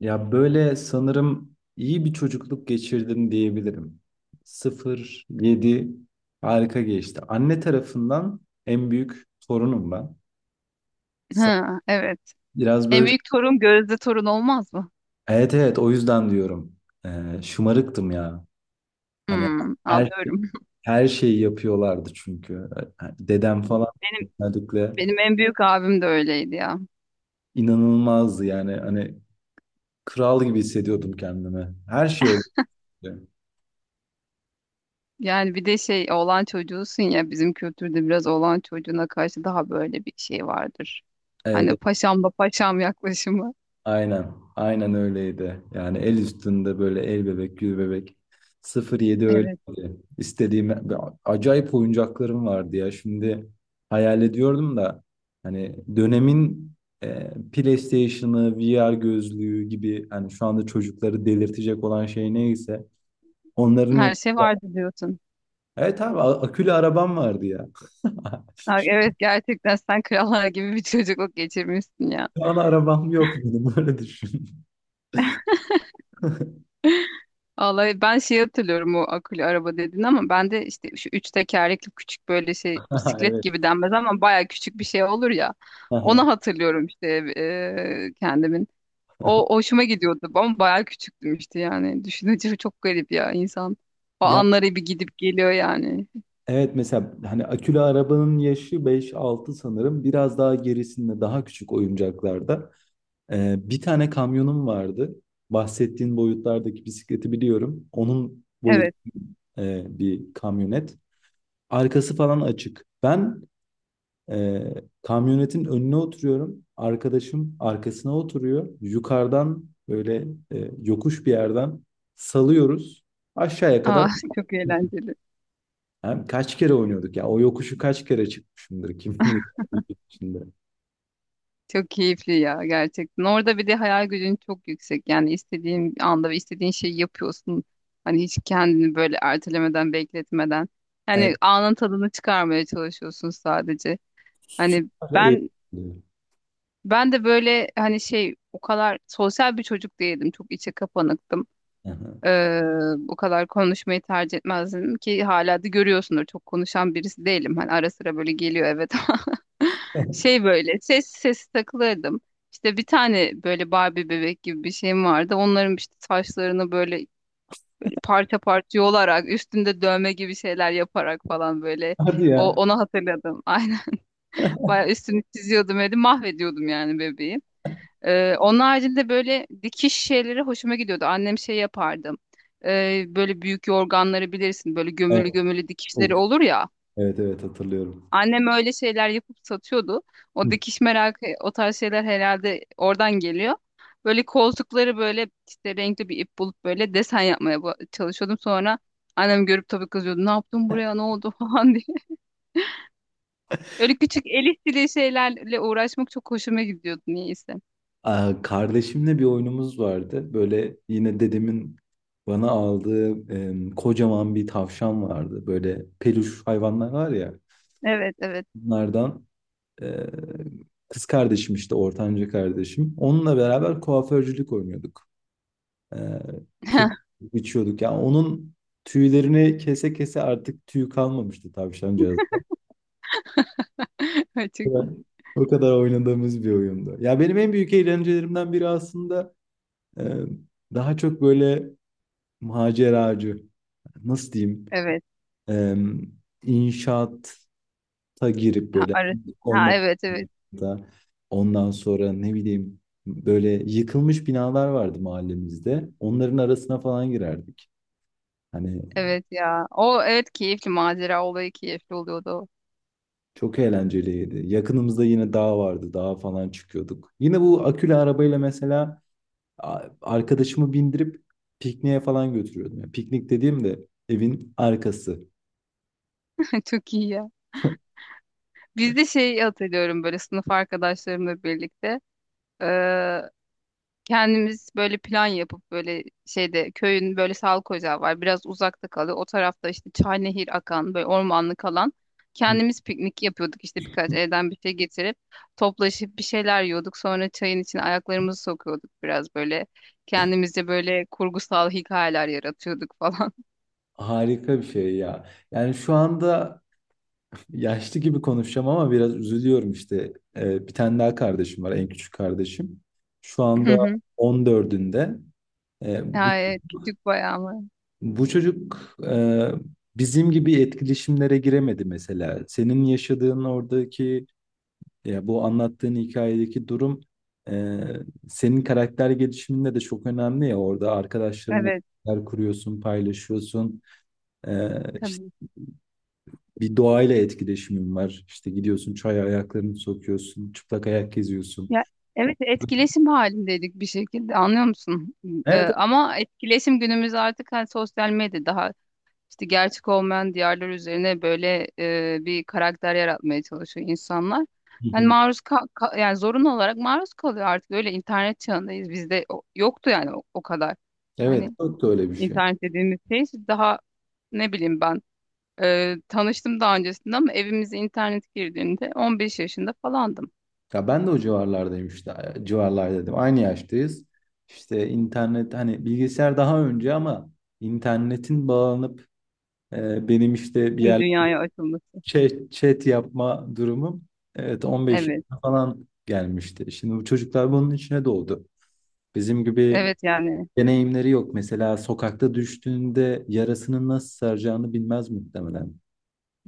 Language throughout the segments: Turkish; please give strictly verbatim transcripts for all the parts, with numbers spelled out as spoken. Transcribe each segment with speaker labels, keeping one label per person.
Speaker 1: Ya böyle sanırım iyi bir çocukluk geçirdim diyebilirim. sıfır yedi harika geçti. Anne tarafından en büyük torunum ben. Sa-
Speaker 2: Ha, evet.
Speaker 1: Biraz
Speaker 2: En
Speaker 1: böyle
Speaker 2: büyük torun Gözde torun olmaz mı?
Speaker 1: evet, evet, o yüzden diyorum. Ee, şımarıktım ya. Hani
Speaker 2: Hmm,
Speaker 1: her şey,
Speaker 2: anlıyorum.
Speaker 1: her şeyi yapıyorlardı çünkü. Ee, hani dedem
Speaker 2: Evet.
Speaker 1: falan
Speaker 2: Benim
Speaker 1: özellikle
Speaker 2: benim en büyük abim de öyleydi ya.
Speaker 1: inanılmazdı yani. Hani kral gibi hissediyordum kendimi. Her şey oluyordu.
Speaker 2: Yani bir de şey, oğlan çocuğusun ya, bizim kültürde biraz oğlan çocuğuna karşı daha böyle bir şey vardır. Hani
Speaker 1: Evet,
Speaker 2: paşam da paşam yaklaşımı.
Speaker 1: aynen. Aynen öyleydi. Yani el üstünde böyle el bebek, gül bebek. Sıfır yedi
Speaker 2: Evet.
Speaker 1: öyleydi. İstediğim acayip oyuncaklarım vardı ya. Şimdi hayal ediyorum da hani dönemin e, PlayStation'ı, V R gözlüğü gibi hani şu anda çocukları delirtecek olan şey neyse onların
Speaker 2: Her
Speaker 1: hep.
Speaker 2: şey vardı diyorsun.
Speaker 1: Evet abi, a- akülü arabam vardı ya.
Speaker 2: Ha, evet, gerçekten sen krallar gibi bir çocukluk geçirmişsin ya.
Speaker 1: Şu an arabam yok benim, öyle düşün.
Speaker 2: Vallahi ben şey hatırlıyorum, o akülü araba dedin ama ben de işte şu üç tekerlekli küçük böyle şey, bisiklet
Speaker 1: Evet.
Speaker 2: gibi denmez ama baya küçük bir şey olur ya. Onu hatırlıyorum işte, e, kendimin. O hoşuma gidiyordu ama baya küçüktüm işte yani. Düşününce çok garip ya insan. O
Speaker 1: Ya,
Speaker 2: anları bir gidip geliyor yani.
Speaker 1: evet, mesela hani akülü arabanın yaşı beş altı sanırım. Biraz daha gerisinde daha küçük oyuncaklarda. Ee, bir tane kamyonum vardı. Bahsettiğin boyutlardaki bisikleti biliyorum. Onun boyut,
Speaker 2: Evet.
Speaker 1: e, bir kamyonet. Arkası falan açık. Ben, e, kamyonetin önüne oturuyorum. Arkadaşım arkasına oturuyor. Yukarıdan böyle e, yokuş bir yerden salıyoruz. Aşağıya kadar.
Speaker 2: Aa, çok eğlenceli.
Speaker 1: Abi kaç kere oynuyorduk ya? O yokuşu kaç kere çıkmışımdır, kim bilir, bir içinde.
Speaker 2: Çok keyifli ya gerçekten. Orada bir de hayal gücün çok yüksek. Yani istediğin anda ve istediğin şeyi yapıyorsun. Hani hiç kendini böyle ertelemeden, bekletmeden. Yani
Speaker 1: Evet,
Speaker 2: anın tadını çıkarmaya çalışıyorsun sadece. Hani
Speaker 1: süper eğlenceli.
Speaker 2: ben ben de böyle hani şey, o kadar sosyal bir çocuk değildim. Çok içe kapanıktım.
Speaker 1: Aha.
Speaker 2: Ee, O kadar konuşmayı tercih etmezdim ki hala da görüyorsundur. Çok konuşan birisi değilim. Hani ara sıra böyle geliyor, evet, ama şey, böyle ses sesi takılırdım. İşte bir tane böyle Barbie bebek gibi bir şeyim vardı. Onların işte saçlarını böyle böyle parça parça yolarak, üstünde dövme gibi şeyler yaparak falan, böyle
Speaker 1: Hadi
Speaker 2: o
Speaker 1: ya.
Speaker 2: onu hatırladım. Aynen. Bayağı üstünü çiziyordum, öyle mahvediyordum yani bebeği. Ee, onun haricinde böyle dikiş şeyleri hoşuma gidiyordu. Annem şey yapardı. Ee, böyle büyük yorganları bilirsin. Böyle
Speaker 1: Evet,
Speaker 2: gömülü gömülü
Speaker 1: of.
Speaker 2: dikişleri olur ya.
Speaker 1: Evet, evet, hatırlıyorum.
Speaker 2: Annem öyle şeyler yapıp satıyordu. O
Speaker 1: Hı.
Speaker 2: dikiş merakı, o tarz şeyler herhalde oradan geliyor. Böyle koltukları böyle işte renkli bir ip bulup böyle desen yapmaya ba- çalışıyordum. Sonra annem görüp tabii kızıyordu. Ne yaptın buraya, ne oldu falan diye. Öyle küçük el işçiliği şeylerle uğraşmak çok hoşuma gidiyordu niyeyse.
Speaker 1: Aa, kardeşimle bir oyunumuz vardı. Böyle yine dedemin bana aldığı em, kocaman bir tavşan vardı. Böyle peluş hayvanlar var ya.
Speaker 2: Evet evet.
Speaker 1: Bunlardan e, kız kardeşim işte, ortanca kardeşim. Onunla beraber kuaförcülük oynuyorduk. Ee, Kesip içiyorduk. Yani onun tüylerini kese kese artık tüy kalmamıştı tavşancağızda.
Speaker 2: Çok
Speaker 1: O kadar
Speaker 2: iyi.
Speaker 1: O kadar oynadığımız bir oyundu. Ya benim en büyük eğlencelerimden biri aslında e, daha çok böyle maceracı, nasıl diyeyim,
Speaker 2: Evet.
Speaker 1: e, inşaata girip
Speaker 2: Ha,
Speaker 1: böyle
Speaker 2: arası. Ha,
Speaker 1: olmak
Speaker 2: evet evet.
Speaker 1: da. Ondan sonra ne bileyim, böyle yıkılmış binalar vardı mahallemizde. Onların arasına falan girerdik. Hani,
Speaker 2: Evet ya. O evet, keyifli, macera olayı keyifli oluyordu.
Speaker 1: çok eğlenceliydi. Yakınımızda yine dağ vardı. Dağa falan çıkıyorduk. Yine bu akülü arabayla mesela a- arkadaşımı bindirip pikniğe falan götürüyordum. Yani piknik dediğim de evin arkası.
Speaker 2: Çok iyi ya. Biz de şey hatırlıyorum, böyle sınıf arkadaşlarımla birlikte. Kendimiz böyle plan yapıp böyle şeyde, köyün böyle sağlık ocağı var. Biraz uzakta kalıyor. O tarafta işte çay, nehir akan böyle ormanlık alan.
Speaker 1: Hı.
Speaker 2: Kendimiz piknik yapıyorduk işte, birkaç evden bir şey getirip toplaşıp bir şeyler yiyorduk. Sonra çayın içine ayaklarımızı sokuyorduk biraz böyle. Kendimizce böyle kurgusal hikayeler yaratıyorduk falan.
Speaker 1: Harika bir şey ya. Yani şu anda yaşlı gibi konuşacağım ama biraz üzülüyorum işte. Ee, bir tane daha kardeşim var, en küçük kardeşim. Şu
Speaker 2: Hı
Speaker 1: anda
Speaker 2: hı.
Speaker 1: on dördünde. Ee,
Speaker 2: Ya, evet, küçük bayağı mı?
Speaker 1: Bu çocuk e, bizim gibi etkileşimlere giremedi mesela. Senin yaşadığın oradaki, ya bu anlattığın hikayedeki durum, e, senin karakter gelişiminde de çok önemli ya. Orada arkadaşlarınla
Speaker 2: Evet
Speaker 1: bir şeyler kuruyorsun, paylaşıyorsun. E, işte
Speaker 2: tabii.
Speaker 1: bir doğayla etkileşimin var. İşte gidiyorsun çaya ayaklarını sokuyorsun, çıplak ayak geziyorsun.
Speaker 2: Ya evet, etkileşim halindeydik bir şekilde, anlıyor musun? Ee,
Speaker 1: Evet. Evet.
Speaker 2: ama etkileşim, günümüz artık hani sosyal medya, daha işte gerçek olmayan diyarlar üzerine böyle e, bir karakter yaratmaya çalışıyor insanlar.
Speaker 1: Hı
Speaker 2: Yani
Speaker 1: hı.
Speaker 2: maruz ka- ka- yani zorunlu olarak maruz kalıyor, artık öyle internet çağındayız. Bizde o- yoktu yani o, o kadar.
Speaker 1: Evet,
Speaker 2: Hani
Speaker 1: çok da öyle bir şey.
Speaker 2: internet dediğimiz şey işte, daha ne bileyim ben e, tanıştım daha öncesinde, ama evimize internet girdiğinde on beş yaşında falandım.
Speaker 1: Ya ben de o civarlardayım işte. Civarlar dedim, aynı yaştayız. İşte internet, hani bilgisayar daha önce ama internetin bağlanıp e, benim işte bir
Speaker 2: Şimdi
Speaker 1: yer
Speaker 2: dünyaya açılması.
Speaker 1: chat, chat yapma durumum evet on beş
Speaker 2: Evet.
Speaker 1: yaşına falan gelmişti. Şimdi bu çocuklar bunun içine doğdu. Bizim gibi
Speaker 2: Evet yani
Speaker 1: deneyimleri yok. Mesela sokakta düştüğünde yarasını nasıl saracağını bilmez muhtemelen.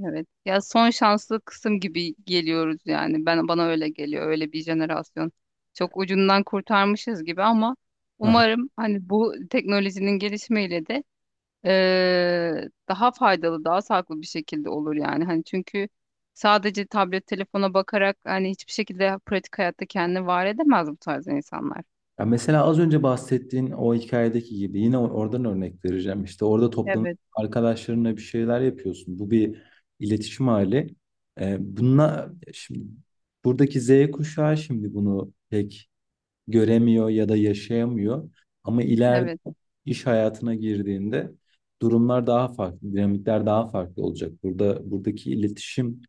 Speaker 2: evet. Ya, son şanslı kısım gibi geliyoruz yani. Ben, bana öyle geliyor. Öyle bir jenerasyon. Çok ucundan kurtarmışız gibi ama umarım hani bu teknolojinin gelişmeyle de eee, daha faydalı, daha sağlıklı bir şekilde olur yani. Hani çünkü sadece tablet, telefona bakarak hani hiçbir şekilde pratik hayatta kendini var edemez bu tarz insanlar.
Speaker 1: Ya mesela az önce bahsettiğin o hikayedeki gibi yine or- oradan örnek vereceğim. İşte orada toplanıp
Speaker 2: Evet,
Speaker 1: arkadaşlarınla bir şeyler yapıyorsun. Bu bir iletişim hali. Ee, bununla şimdi buradaki Z kuşağı şimdi bunu pek göremiyor ya da yaşayamıyor. Ama ileride
Speaker 2: evet.
Speaker 1: iş hayatına girdiğinde durumlar daha farklı, dinamikler daha farklı olacak. Burada buradaki iletişim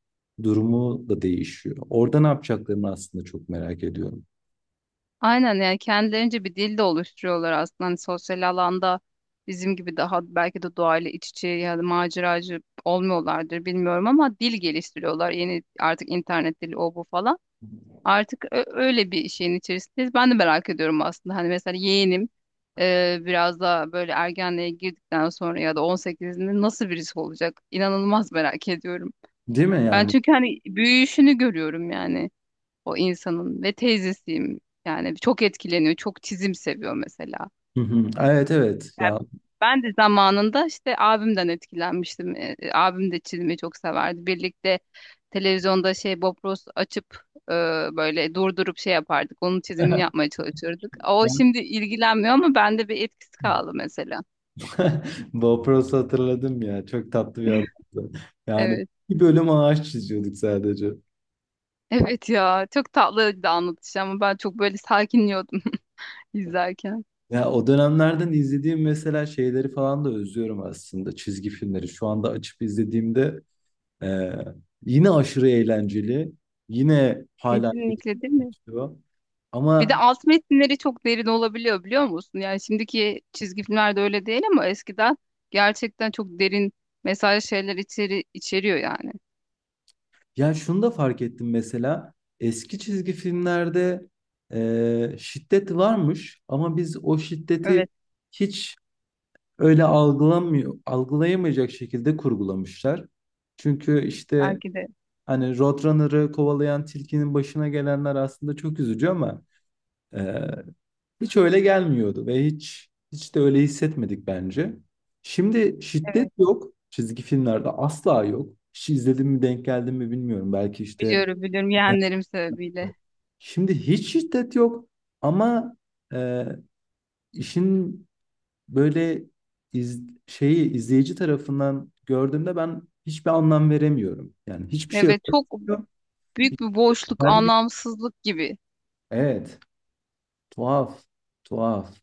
Speaker 1: durumu da değişiyor. Orada ne yapacaklarını aslında çok merak ediyorum.
Speaker 2: Aynen, yani kendilerince bir dil de oluşturuyorlar aslında. Hani sosyal alanda bizim gibi daha belki de doğayla iç içe ya da maceracı olmuyorlardır, bilmiyorum, ama dil geliştiriyorlar. Yeni, artık internet dili, o bu falan. Artık ö- öyle bir şeyin içerisindeyiz. Ben de merak ediyorum aslında. Hani mesela yeğenim e, biraz daha böyle ergenliğe girdikten sonra ya da on sekizinde nasıl birisi olacak? İnanılmaz merak ediyorum.
Speaker 1: Değil mi
Speaker 2: Ben
Speaker 1: yani?
Speaker 2: çünkü hani büyüyüşünü görüyorum yani, o insanın ve teyzesiyim. Yani çok etkileniyor, çok çizim seviyor mesela.
Speaker 1: Hı hı. Evet, evet
Speaker 2: Yani
Speaker 1: ya.
Speaker 2: ben de zamanında işte abimden etkilenmiştim. E, e, abim de çizimi çok severdi. Birlikte televizyonda şey Bob Ross açıp, e, böyle durdurup şey yapardık. Onun çizimini yapmaya çalışırdık. O şimdi ilgilenmiyor ama bende bir etkisi kaldı mesela.
Speaker 1: Bob Ross'u hatırladım ya. Çok tatlı bir adamdı. Yani
Speaker 2: Evet.
Speaker 1: bir bölüm ağaç çiziyorduk sadece.
Speaker 2: Evet ya, çok tatlıydı anlatış, ama ben çok böyle sakinliyordum izlerken.
Speaker 1: Ya o dönemlerden izlediğim mesela şeyleri falan da özlüyorum aslında, çizgi filmleri. Şu anda açıp izlediğimde e, yine aşırı eğlenceli. Yine hala
Speaker 2: Kesinlikle değil mi?
Speaker 1: geçiyor.
Speaker 2: Bir de
Speaker 1: Ama
Speaker 2: alt metinleri çok derin olabiliyor, biliyor musun? Yani şimdiki çizgi filmlerde öyle değil ama eskiden gerçekten çok derin mesaj şeyler içeri, içeriyor yani.
Speaker 1: yani şunu da fark ettim mesela, eski çizgi filmlerde e, şiddet varmış ama biz o şiddeti
Speaker 2: Evet,
Speaker 1: hiç öyle algılamıyor, algılayamayacak şekilde kurgulamışlar. Çünkü işte
Speaker 2: belki de.
Speaker 1: hani Roadrunner'ı kovalayan tilkinin başına gelenler aslında çok üzücü ama e, hiç öyle gelmiyordu ve hiç hiç de öyle hissetmedik bence. Şimdi şiddet yok çizgi filmlerde, asla yok. Hiç izledim mi, denk geldim mi bilmiyorum. Belki işte
Speaker 2: Biliyorum biliyorum, yeğenlerim sebebiyle.
Speaker 1: şimdi hiç şiddet yok ama e, işin böyle iz- şeyi izleyici tarafından gördüğümde ben hiçbir anlam veremiyorum. Yani hiçbir şey
Speaker 2: Evet, çok
Speaker 1: öğretmiyor.
Speaker 2: büyük bir boşluk,
Speaker 1: Hiçbir-
Speaker 2: anlamsızlık gibi,
Speaker 1: Evet, tuhaf, tuhaf.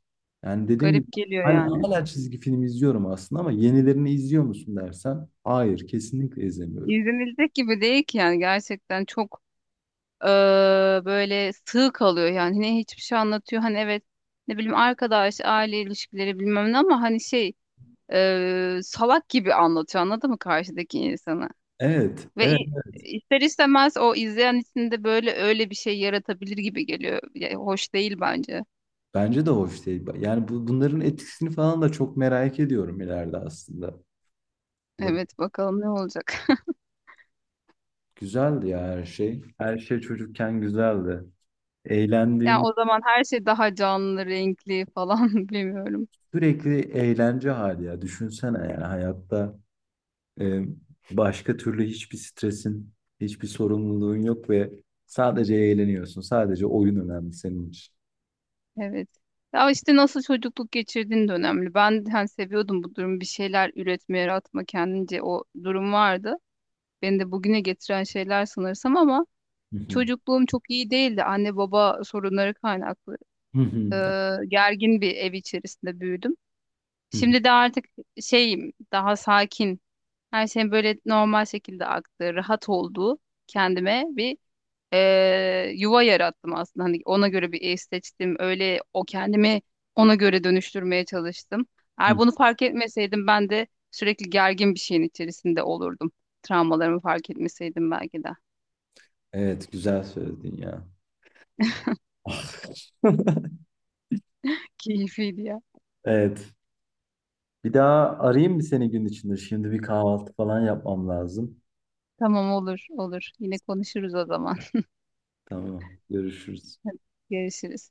Speaker 1: Yani dediğim gibi,
Speaker 2: garip geliyor
Speaker 1: hala,
Speaker 2: yani.
Speaker 1: hala çizgi film izliyorum aslında ama yenilerini izliyor musun dersen hayır, kesinlikle izlemiyorum.
Speaker 2: İzlenilecek gibi değil ki, yani gerçekten çok eee, böyle sığ kalıyor yani. Ne hiçbir şey anlatıyor, hani evet, ne bileyim, arkadaş, aile ilişkileri, bilmem ne, ama hani şey, e, salak gibi anlatıyor, anladın mı, karşıdaki insanı?
Speaker 1: Evet,
Speaker 2: Ve
Speaker 1: evet.
Speaker 2: i- ister istemez o izleyen içinde böyle öyle bir şey yaratabilir gibi geliyor. Ya, hoş değil bence.
Speaker 1: Bence de hoş değil. Yani bu, bunların etkisini falan da çok merak ediyorum ileride aslında.
Speaker 2: Evet, bakalım ne olacak.
Speaker 1: Güzeldi ya her şey. Her şey çocukken güzeldi.
Speaker 2: Yani
Speaker 1: Eğlendiğim,
Speaker 2: o zaman her şey daha canlı, renkli falan, bilmiyorum.
Speaker 1: sürekli eğlence hali ya. Düşünsene yani hayatta e, başka türlü hiçbir stresin, hiçbir sorumluluğun yok ve sadece eğleniyorsun. Sadece oyun önemli senin için.
Speaker 2: Evet. Ya işte nasıl çocukluk geçirdiğin de önemli. Ben hani seviyordum bu durumu. Bir şeyler üretme, yaratma, kendince o durum vardı. Beni de bugüne getiren şeyler sanırsam, ama
Speaker 1: Hı hı.
Speaker 2: çocukluğum çok iyi değildi. Anne baba sorunları kaynaklı.
Speaker 1: Hı hı.
Speaker 2: e, Gergin bir ev içerisinde büyüdüm.
Speaker 1: Hı hı.
Speaker 2: Şimdi de artık şeyim, daha sakin. Her şeyin böyle normal şekilde aktığı, rahat olduğu, kendime bir e, yuva yarattım aslında. Hani ona göre bir ev seçtim. Öyle, o kendimi ona göre dönüştürmeye çalıştım. Eğer
Speaker 1: Hı.
Speaker 2: bunu fark etmeseydim ben de sürekli gergin bir şeyin içerisinde olurdum. Travmalarımı fark etmeseydim belki de.
Speaker 1: Evet, güzel söyledin ya.
Speaker 2: Keyifliydi ya.
Speaker 1: Evet. Bir daha arayayım mı seni gün içinde? Şimdi bir kahvaltı falan yapmam lazım.
Speaker 2: Tamam, olur olur. Yine konuşuruz o zaman.
Speaker 1: Tamam. Görüşürüz.
Speaker 2: Görüşürüz.